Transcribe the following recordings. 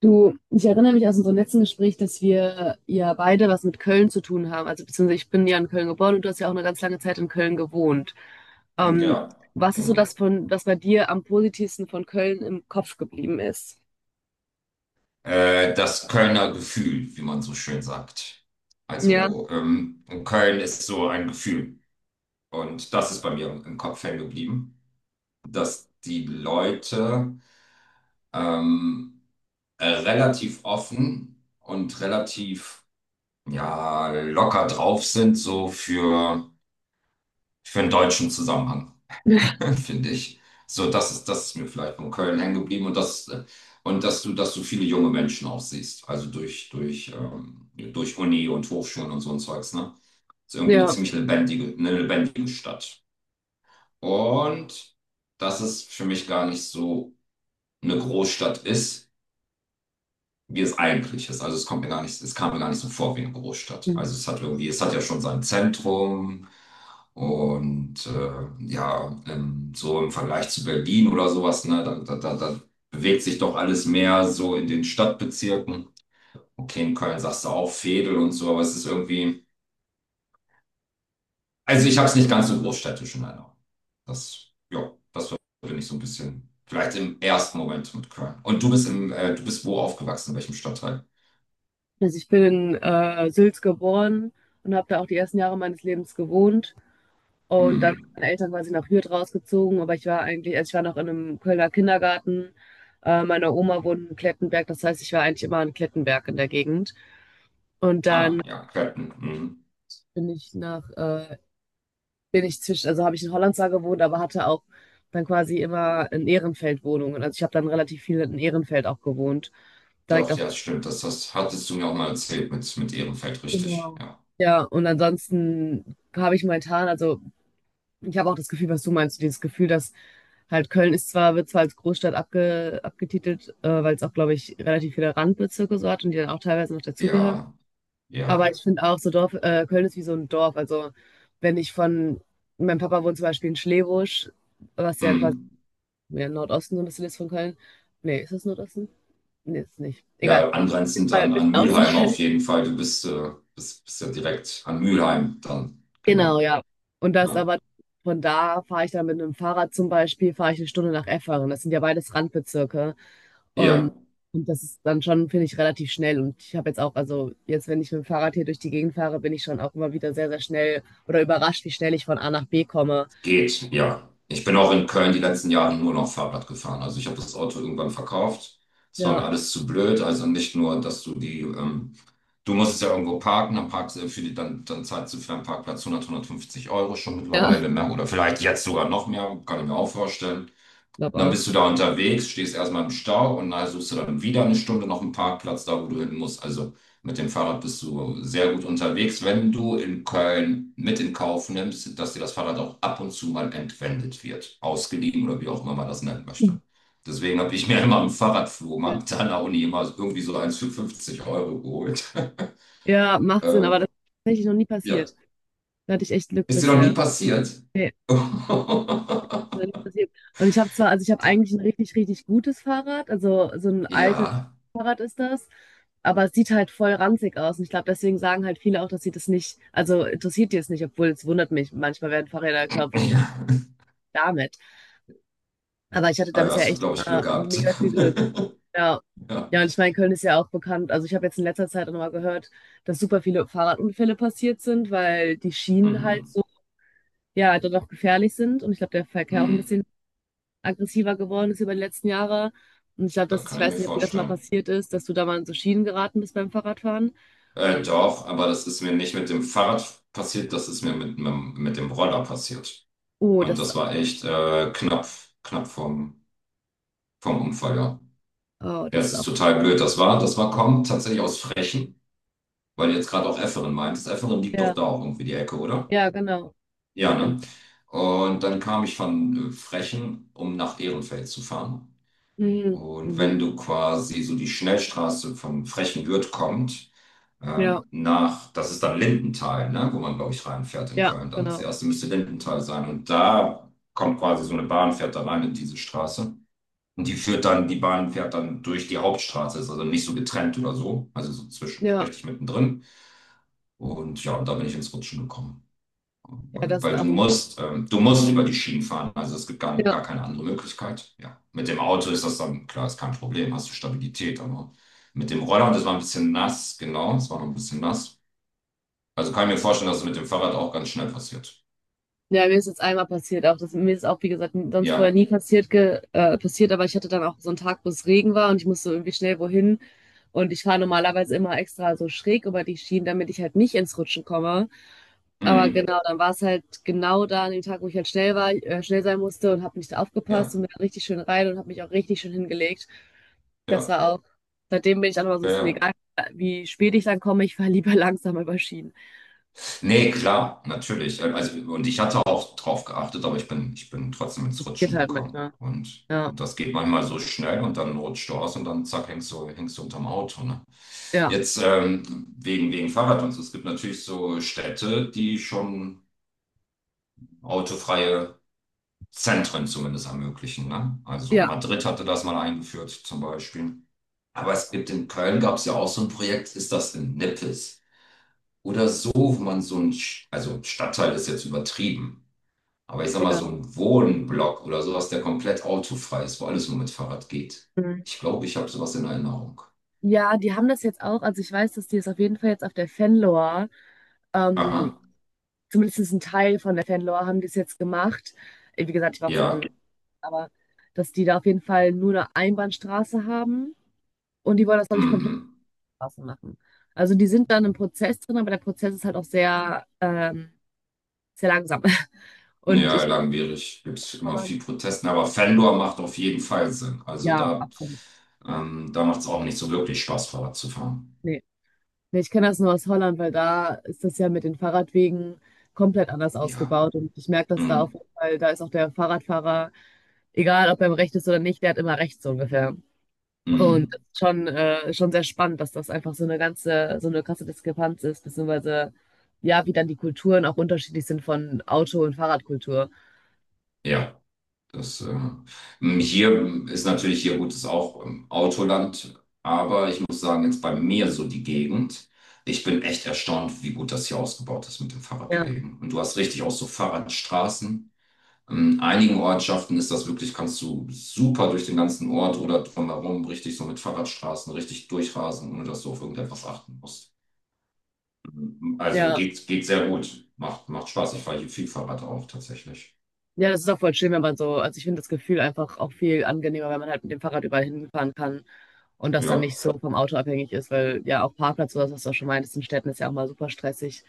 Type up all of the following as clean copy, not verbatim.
Du, ich erinnere mich aus unserem letzten Gespräch, dass wir ja beide was mit Köln zu tun haben. Also beziehungsweise ich bin ja in Köln geboren und du hast ja auch eine ganz lange Zeit in Köln gewohnt. Ähm, Ja, Was ist so das genau. von, was bei dir am positivsten von Köln im Kopf geblieben ist? Das Kölner Gefühl, wie man so schön sagt. Ja, Also, Köln ist so ein Gefühl. Und das ist bei mir im Kopf hängen geblieben, dass die Leute ähm, relativ offen und relativ ja, locker drauf sind, so für einen deutschen Zusammenhang. finde ich. So, das ist mir vielleicht von Köln hängen geblieben, und und dass du viele junge Menschen auch siehst. Also durch Uni und Hochschulen und so ein Zeugs, ne? Ist irgendwie eine ja. ziemlich lebendige, eine lebendige Stadt. Und dass es für mich gar nicht so eine Großstadt ist, wie es eigentlich ist. Also es kommt mir gar nicht, es kam mir gar nicht so vor wie eine Großstadt. Also es hat ja schon sein Zentrum, und ja, so im Vergleich zu Berlin oder sowas, ne, da bewegt sich doch alles mehr so in den Stadtbezirken. Okay, in Köln sagst du auch Veedel und so, aber also ich habe es nicht ganz so großstädtisch in Erinnerung. Das verbinde ich so ein bisschen, vielleicht im ersten Moment, mit Köln. Und du bist wo aufgewachsen, in welchem Stadtteil? Also ich bin in Sülz geboren und habe da auch die ersten Jahre meines Lebens gewohnt. Und dann Hm. sind meine Eltern quasi nach Hürth rausgezogen, aber ich war eigentlich, also ich war noch in einem Kölner Kindergarten. Meine Oma wohnt in Klettenberg, das heißt, ich war eigentlich immer in Klettenberg in der Gegend. Und dann Ah, ja, Clapton. Mhm. Mhm. bin ich nach, bin ich zwischen, also habe ich in Holland zwar gewohnt, aber hatte auch dann quasi immer in Ehrenfeld Wohnungen. Also ich habe dann relativ viel in Ehrenfeld auch gewohnt. Direkt Doch, auf. ja, stimmt. Das hattest du mir auch mal erzählt, mit Ehrenfeld, richtig. Genau. Ja, Ja, und ansonsten habe ich also ich habe auch das Gefühl, was du meinst, so dieses Gefühl, dass halt Köln ist zwar, wird zwar als Großstadt abgetitelt, weil es auch, glaube ich, relativ viele Randbezirke so hat und die dann auch teilweise noch dazugehören. ja, Aber ja. ich finde auch, Köln ist wie so ein Dorf. Also wenn ich von, mein Papa wohnt zum Beispiel in Schlebusch, was ja quasi Mhm. ja, im Nordosten so ein bisschen ist von Köln. Nee, ist das Nordosten? Nee, ist nicht. Egal. Ja, angrenzend Mal ein an, bisschen an Mülheim außerhalb. auf jeden Fall. Du bist ja direkt an Mülheim dann. Genau, Genau. ja. Und das Ja. aber Von da fahre ich dann mit einem Fahrrad zum Beispiel, fahre ich eine Stunde nach Efferen. Das sind ja beides Randbezirke. Ähm, Ja, und das ist dann schon, finde ich, relativ schnell. Und ich habe jetzt auch, also jetzt, wenn ich mit dem Fahrrad hier durch die Gegend fahre, bin ich schon auch immer wieder sehr, sehr schnell oder überrascht, wie schnell ich von A nach B komme. geht, ja. Ich bin auch in Köln die letzten Jahre nur noch Fahrrad gefahren. Also ich habe das Auto irgendwann verkauft. Es war mir Ja, alles zu blöd. Also nicht nur, dass du die du musst es ja irgendwo parken, dann parkst du dann zahlst du für einen Parkplatz 100, 150 Euro schon ja, mittlerweile, ne? Oder vielleicht jetzt sogar noch mehr, kann ich mir auch vorstellen. Und glaube dann auch. bist du da unterwegs, stehst erstmal im Stau und dann suchst du dann wieder eine Stunde noch einen Parkplatz, da wo du hin musst. Also mit dem Fahrrad bist du sehr gut unterwegs, wenn du in Köln mit in Kauf nimmst, dass dir das Fahrrad auch ab und zu mal entwendet wird, ausgeliehen oder wie auch immer man das nennen möchte. Deswegen habe ich mir immer am Fahrradflohmarkt an der Uni immer irgendwie so eins für 50 Euro geholt. Ja, macht Sinn, Äh, aber das ist tatsächlich noch nie ja. passiert. Da hatte ich echt Glück Ist dir noch nie bisher. passiert? Nee. Noch nicht passiert. Und ich habe zwar, also ich habe eigentlich ein richtig, richtig gutes Fahrrad, also so ein altes Ja. Fahrrad ist das, aber es sieht halt voll ranzig aus. Und ich glaube, deswegen sagen halt viele auch, dass sie das nicht, also interessiert die es nicht, obwohl es wundert mich. Manchmal werden Fahrräder gekauft, wo ich bin Ja. damit. Aber ich hatte da Ah ja, bisher hast du, echt glaube ich, Glück gehabt. mega viel Glück. Ja. Ja. Ja, und ich meine, Köln ist ja auch bekannt. Also ich habe jetzt in letzter Zeit auch noch mal gehört, dass super viele Fahrradunfälle passiert sind, weil die Schienen halt Mhm. so, ja, dann auch gefährlich sind. Und ich glaube, der Verkehr auch ein Mhm. bisschen aggressiver geworden ist über die letzten Jahre. Und ich glaube, Da dass ich kann ich mir weiß nicht, ob dir das mal vorstellen. passiert ist, dass du da mal in so Schienen geraten bist beim Fahrradfahren. Doch, aber das ist mir nicht mit dem Fahrrad passiert, das ist mir mit dem Roller passiert. Oh, Und das ist, das war echt knapp, knapp vom Unfall, ja. oh, Ja, das es ist ist auch. total blöd. Das war Kommt tatsächlich aus Frechen, weil du jetzt gerade auch Efferen meintest. Efferen liegt doch Ja, da auch irgendwie die Ecke, oder? ja, genau. Ja, Direkt ne? daneben. Und dann kam ich von Frechen, um nach Ehrenfeld zu fahren. Mhm. Und Mhm. wenn du quasi so die Schnellstraße von Frechenwürth kommt, Ja, nach, das ist dann Lindenthal, ne? Wo man, glaube ich, reinfährt in ja, Köln. Dann das genau. erste müsste Lindenthal sein. Und da kommt quasi so eine Bahn, fährt da rein in diese Straße. Und die führt dann, die Bahn fährt dann durch die Hauptstraße, ist also nicht so getrennt oder so, also so zwischen, Ja, richtig mittendrin. Und ja, und da bin ich ins Rutschen gekommen. ja, Weil, das ist weil du auch ein. musst, du musst über die Schienen fahren. Also es gibt gar, gar keine andere Möglichkeit. Ja. Mit dem Auto ist das dann, klar, ist kein Problem, hast du Stabilität, aber mit dem Roller, das war ein bisschen nass, genau, es war noch ein bisschen nass. Also kann ich mir vorstellen, dass es mit dem Fahrrad auch ganz schnell passiert. Ja, mir ist jetzt einmal passiert auch. Das, mir ist auch, wie gesagt, sonst vorher Ja. nie passiert, aber ich hatte dann auch so einen Tag, wo es Regen war und ich musste irgendwie schnell wohin. Und ich fahre normalerweise immer extra so schräg über die Schienen, damit ich halt nicht ins Rutschen komme. Aber Mhm. genau, dann war es halt genau da an dem Tag, wo ich halt schnell war, schnell sein musste und habe nicht aufgepasst Ja, und bin da richtig schön rein und habe mich auch richtig schön hingelegt. Das ja, war auch, seitdem bin ich dann immer so, ja, es ist mir ja. egal, wie spät ich dann komme, ich fahre lieber langsam über Schienen. Nee, klar, natürlich. Also, und ich hatte auch drauf geachtet, aber ich bin trotzdem ins Geht Rutschen halt gekommen. manchmal. Und, Ja, und das geht manchmal so schnell, und dann rutscht du aus und dann zack, hängst du unterm Auto. Ne? ja, Jetzt wegen Fahrrad und so. Es gibt natürlich so Städte, die schon autofreie Zentren zumindest ermöglichen. Ne? Also ja. Madrid hatte das mal eingeführt zum Beispiel. Aber es gibt in Köln, gab es ja auch so ein Projekt, ist das in Nippes? Oder so, wo man so ein, Sch- also, Stadtteil ist jetzt übertrieben, aber ich sag mal, Ja, so ein Wohnblock oder sowas, der komplett autofrei ist, wo alles nur mit Fahrrad geht. mhm. Ich glaube, ich habe sowas in Erinnerung. Ja, die haben das jetzt auch. Also ich weiß, dass die es auf jeden Fall jetzt auf der Fanlore, ähm, Aha, zumindest ein Teil von der Fanlore haben die es jetzt gemacht. Wie gesagt, ich war auch seit, ja, aber dass die da auf jeden Fall nur eine Einbahnstraße haben und die wollen das, glaube ich, komplett mhm. Straße machen. Also die sind dann im Prozess drin, aber der Prozess ist halt auch sehr, sehr langsam. Und Ja, ich, langwierig. Gibt es immer viel Protesten, aber Fendor macht auf jeden Fall Sinn. Also ja, da, absolut. ähm, da macht es auch nicht so wirklich Spaß, Fahrrad zu fahren. Nee. Nee, ich kenne das nur aus Holland, weil da ist das ja mit den Fahrradwegen komplett anders Ja, ausgebaut. Und ich merke das da auf mhm. jeden Fall, da ist auch der Fahrradfahrer, egal ob er im Recht ist oder nicht, der hat immer Recht, so ungefähr. Und Mhm. das ist schon, schon sehr spannend, dass das einfach so eine ganze, so eine krasse Diskrepanz ist, beziehungsweise ja, wie dann die Kulturen auch unterschiedlich sind von Auto- und Fahrradkultur. Ja. Das, äh, Hier ist natürlich, hier gut, ist auch Autoland, aber ich muss sagen, jetzt bei mir so die Gegend, ich bin echt erstaunt, wie gut das hier ausgebaut ist mit den Ja, Fahrradwegen. Und du hast richtig auch so Fahrradstraßen. In einigen Ortschaften ist das wirklich, kannst du super durch den ganzen Ort oder drumherum richtig so mit Fahrradstraßen richtig durchrasen, ohne dass du auf irgendetwas achten musst. Also ja. geht sehr gut. Macht Spaß. Ich fahre hier viel Fahrrad auch tatsächlich. Ja, das ist auch voll schön, wenn man so, also ich finde das Gefühl einfach auch viel angenehmer, wenn man halt mit dem Fahrrad überall hinfahren kann. Und das dann Ja. nicht so vom Auto abhängig ist, weil ja auch Parkplatz oder was du auch schon meintest, in Städten ist ja auch mal super stressig.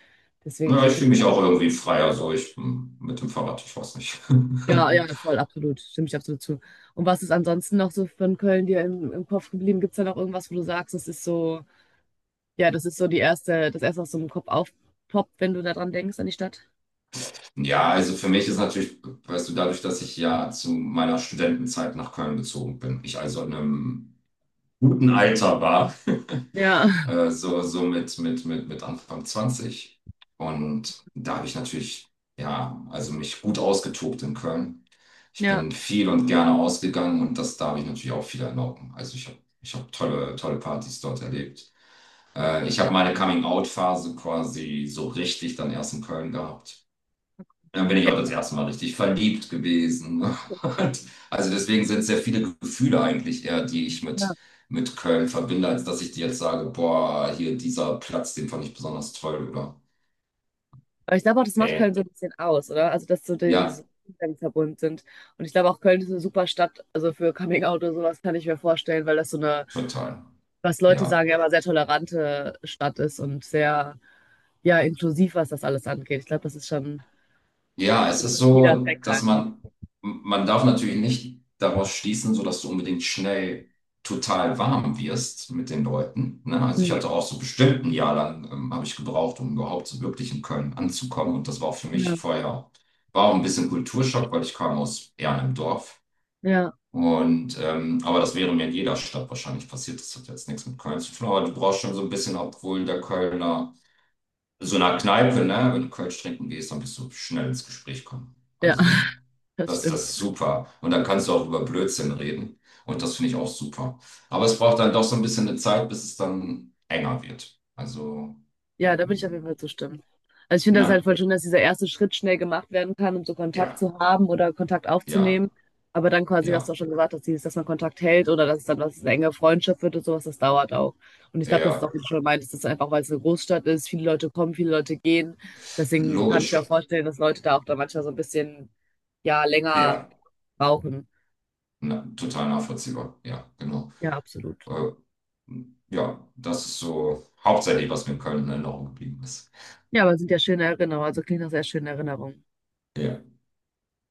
Deswegen, Ja, ich fühle mich auch irgendwie freier, so ich mit dem Fahrrad, ich weiß nicht. ja, ja, voll, absolut. Stimme ich absolut zu. Und was ist ansonsten noch so von Köln dir im Kopf geblieben? Gibt es da noch irgendwas, wo du sagst, das ist so, ja, das ist so das erste, was so im Kopf aufpoppt, wenn du daran denkst, an die Stadt? Ja, also für mich ist natürlich, weißt du, dadurch, dass ich ja zu meiner Studentenzeit nach Köln gezogen bin, ich also in einem guten Alter war, Ja, so, so mit Anfang 20. Und da habe ich natürlich, ja, also mich gut ausgetobt in Köln. Ich ja. bin viel und gerne ausgegangen, und da habe ich natürlich auch viel erlauben. Also ich hab tolle, tolle Partys dort erlebt. Ich habe meine Coming-out-Phase quasi so richtig dann erst in Köln gehabt. Dann bin ich Ja. auch das erste Mal richtig verliebt gewesen. Und also deswegen sind sehr viele Gefühle eigentlich eher, die ich mit Köln verbinde, als dass ich dir jetzt sage, boah, hier, dieser Platz, den fand ich besonders toll, oder? Aber ich glaube auch, das macht Köln Nee. so ein bisschen aus, oder? Also, dass so diese Ja, Umstände verbunden sind. Und ich glaube auch, Köln ist eine super Stadt, also für Coming Out oder sowas kann ich mir vorstellen, weil das so eine total. was Leute Ja. sagen, ja immer sehr tolerante Stadt ist und sehr, ja, inklusiv, was das alles angeht. Ich glaube, das ist schon Ja, es ein ist so, wichtiger Aspekt dass einfach. man darf natürlich nicht daraus schließen, so dass du unbedingt schnell total warm wirst mit den Leuten. Ne? Also ich hatte Nee. auch so bestimmt ein Jahr lang, habe ich gebraucht, um überhaupt so wirklich in Köln anzukommen. Und das war auch für Ja, mich vorher, war auch ein bisschen Kulturschock, weil ich kam aus eher einem Dorf. ja, Und, aber das wäre mir in jeder Stadt wahrscheinlich passiert. Das hat jetzt nichts mit Köln zu tun, aber du brauchst schon so ein bisschen, obwohl der Kölner so einer Kneipe, ne, wenn du Kölsch trinken gehst, dann bist du schnell ins Gespräch kommen. ja, Also, das das stimmt. ist super. Und dann kannst du auch über Blödsinn reden. Und das finde ich auch super. Aber es braucht dann doch so ein bisschen eine Zeit, bis es dann enger wird. Also, Ja, da würde ich auf jeden Fall ähm, zustimmen. Also ich finde das halt ne? voll schön, dass dieser erste Schritt schnell gemacht werden kann, um so Kontakt Ja, zu haben oder Kontakt aufzunehmen. ja, Aber dann quasi, was du auch ja, schon gesagt hast, dieses, dass man Kontakt hält oder dass es dann was eine enge Freundschaft wird und sowas, das dauert auch. Und ich glaube, das ist ja. auch, wie du schon meintest, das ist einfach, weil es eine Großstadt ist, viele Leute kommen, viele Leute gehen. Deswegen kann ich mir auch Logisch. vorstellen, dass Leute da auch dann manchmal so ein bisschen, ja, länger Ja, brauchen. na, total nachvollziehbar. Ja, genau. Ja, absolut. Äh, ja, das ist so hauptsächlich, was mir in Köln in Erinnerung geblieben ist. Ja, aber es sind ja schöne Erinnerungen, also klingt nach sehr schönen Erinnerungen. Ja.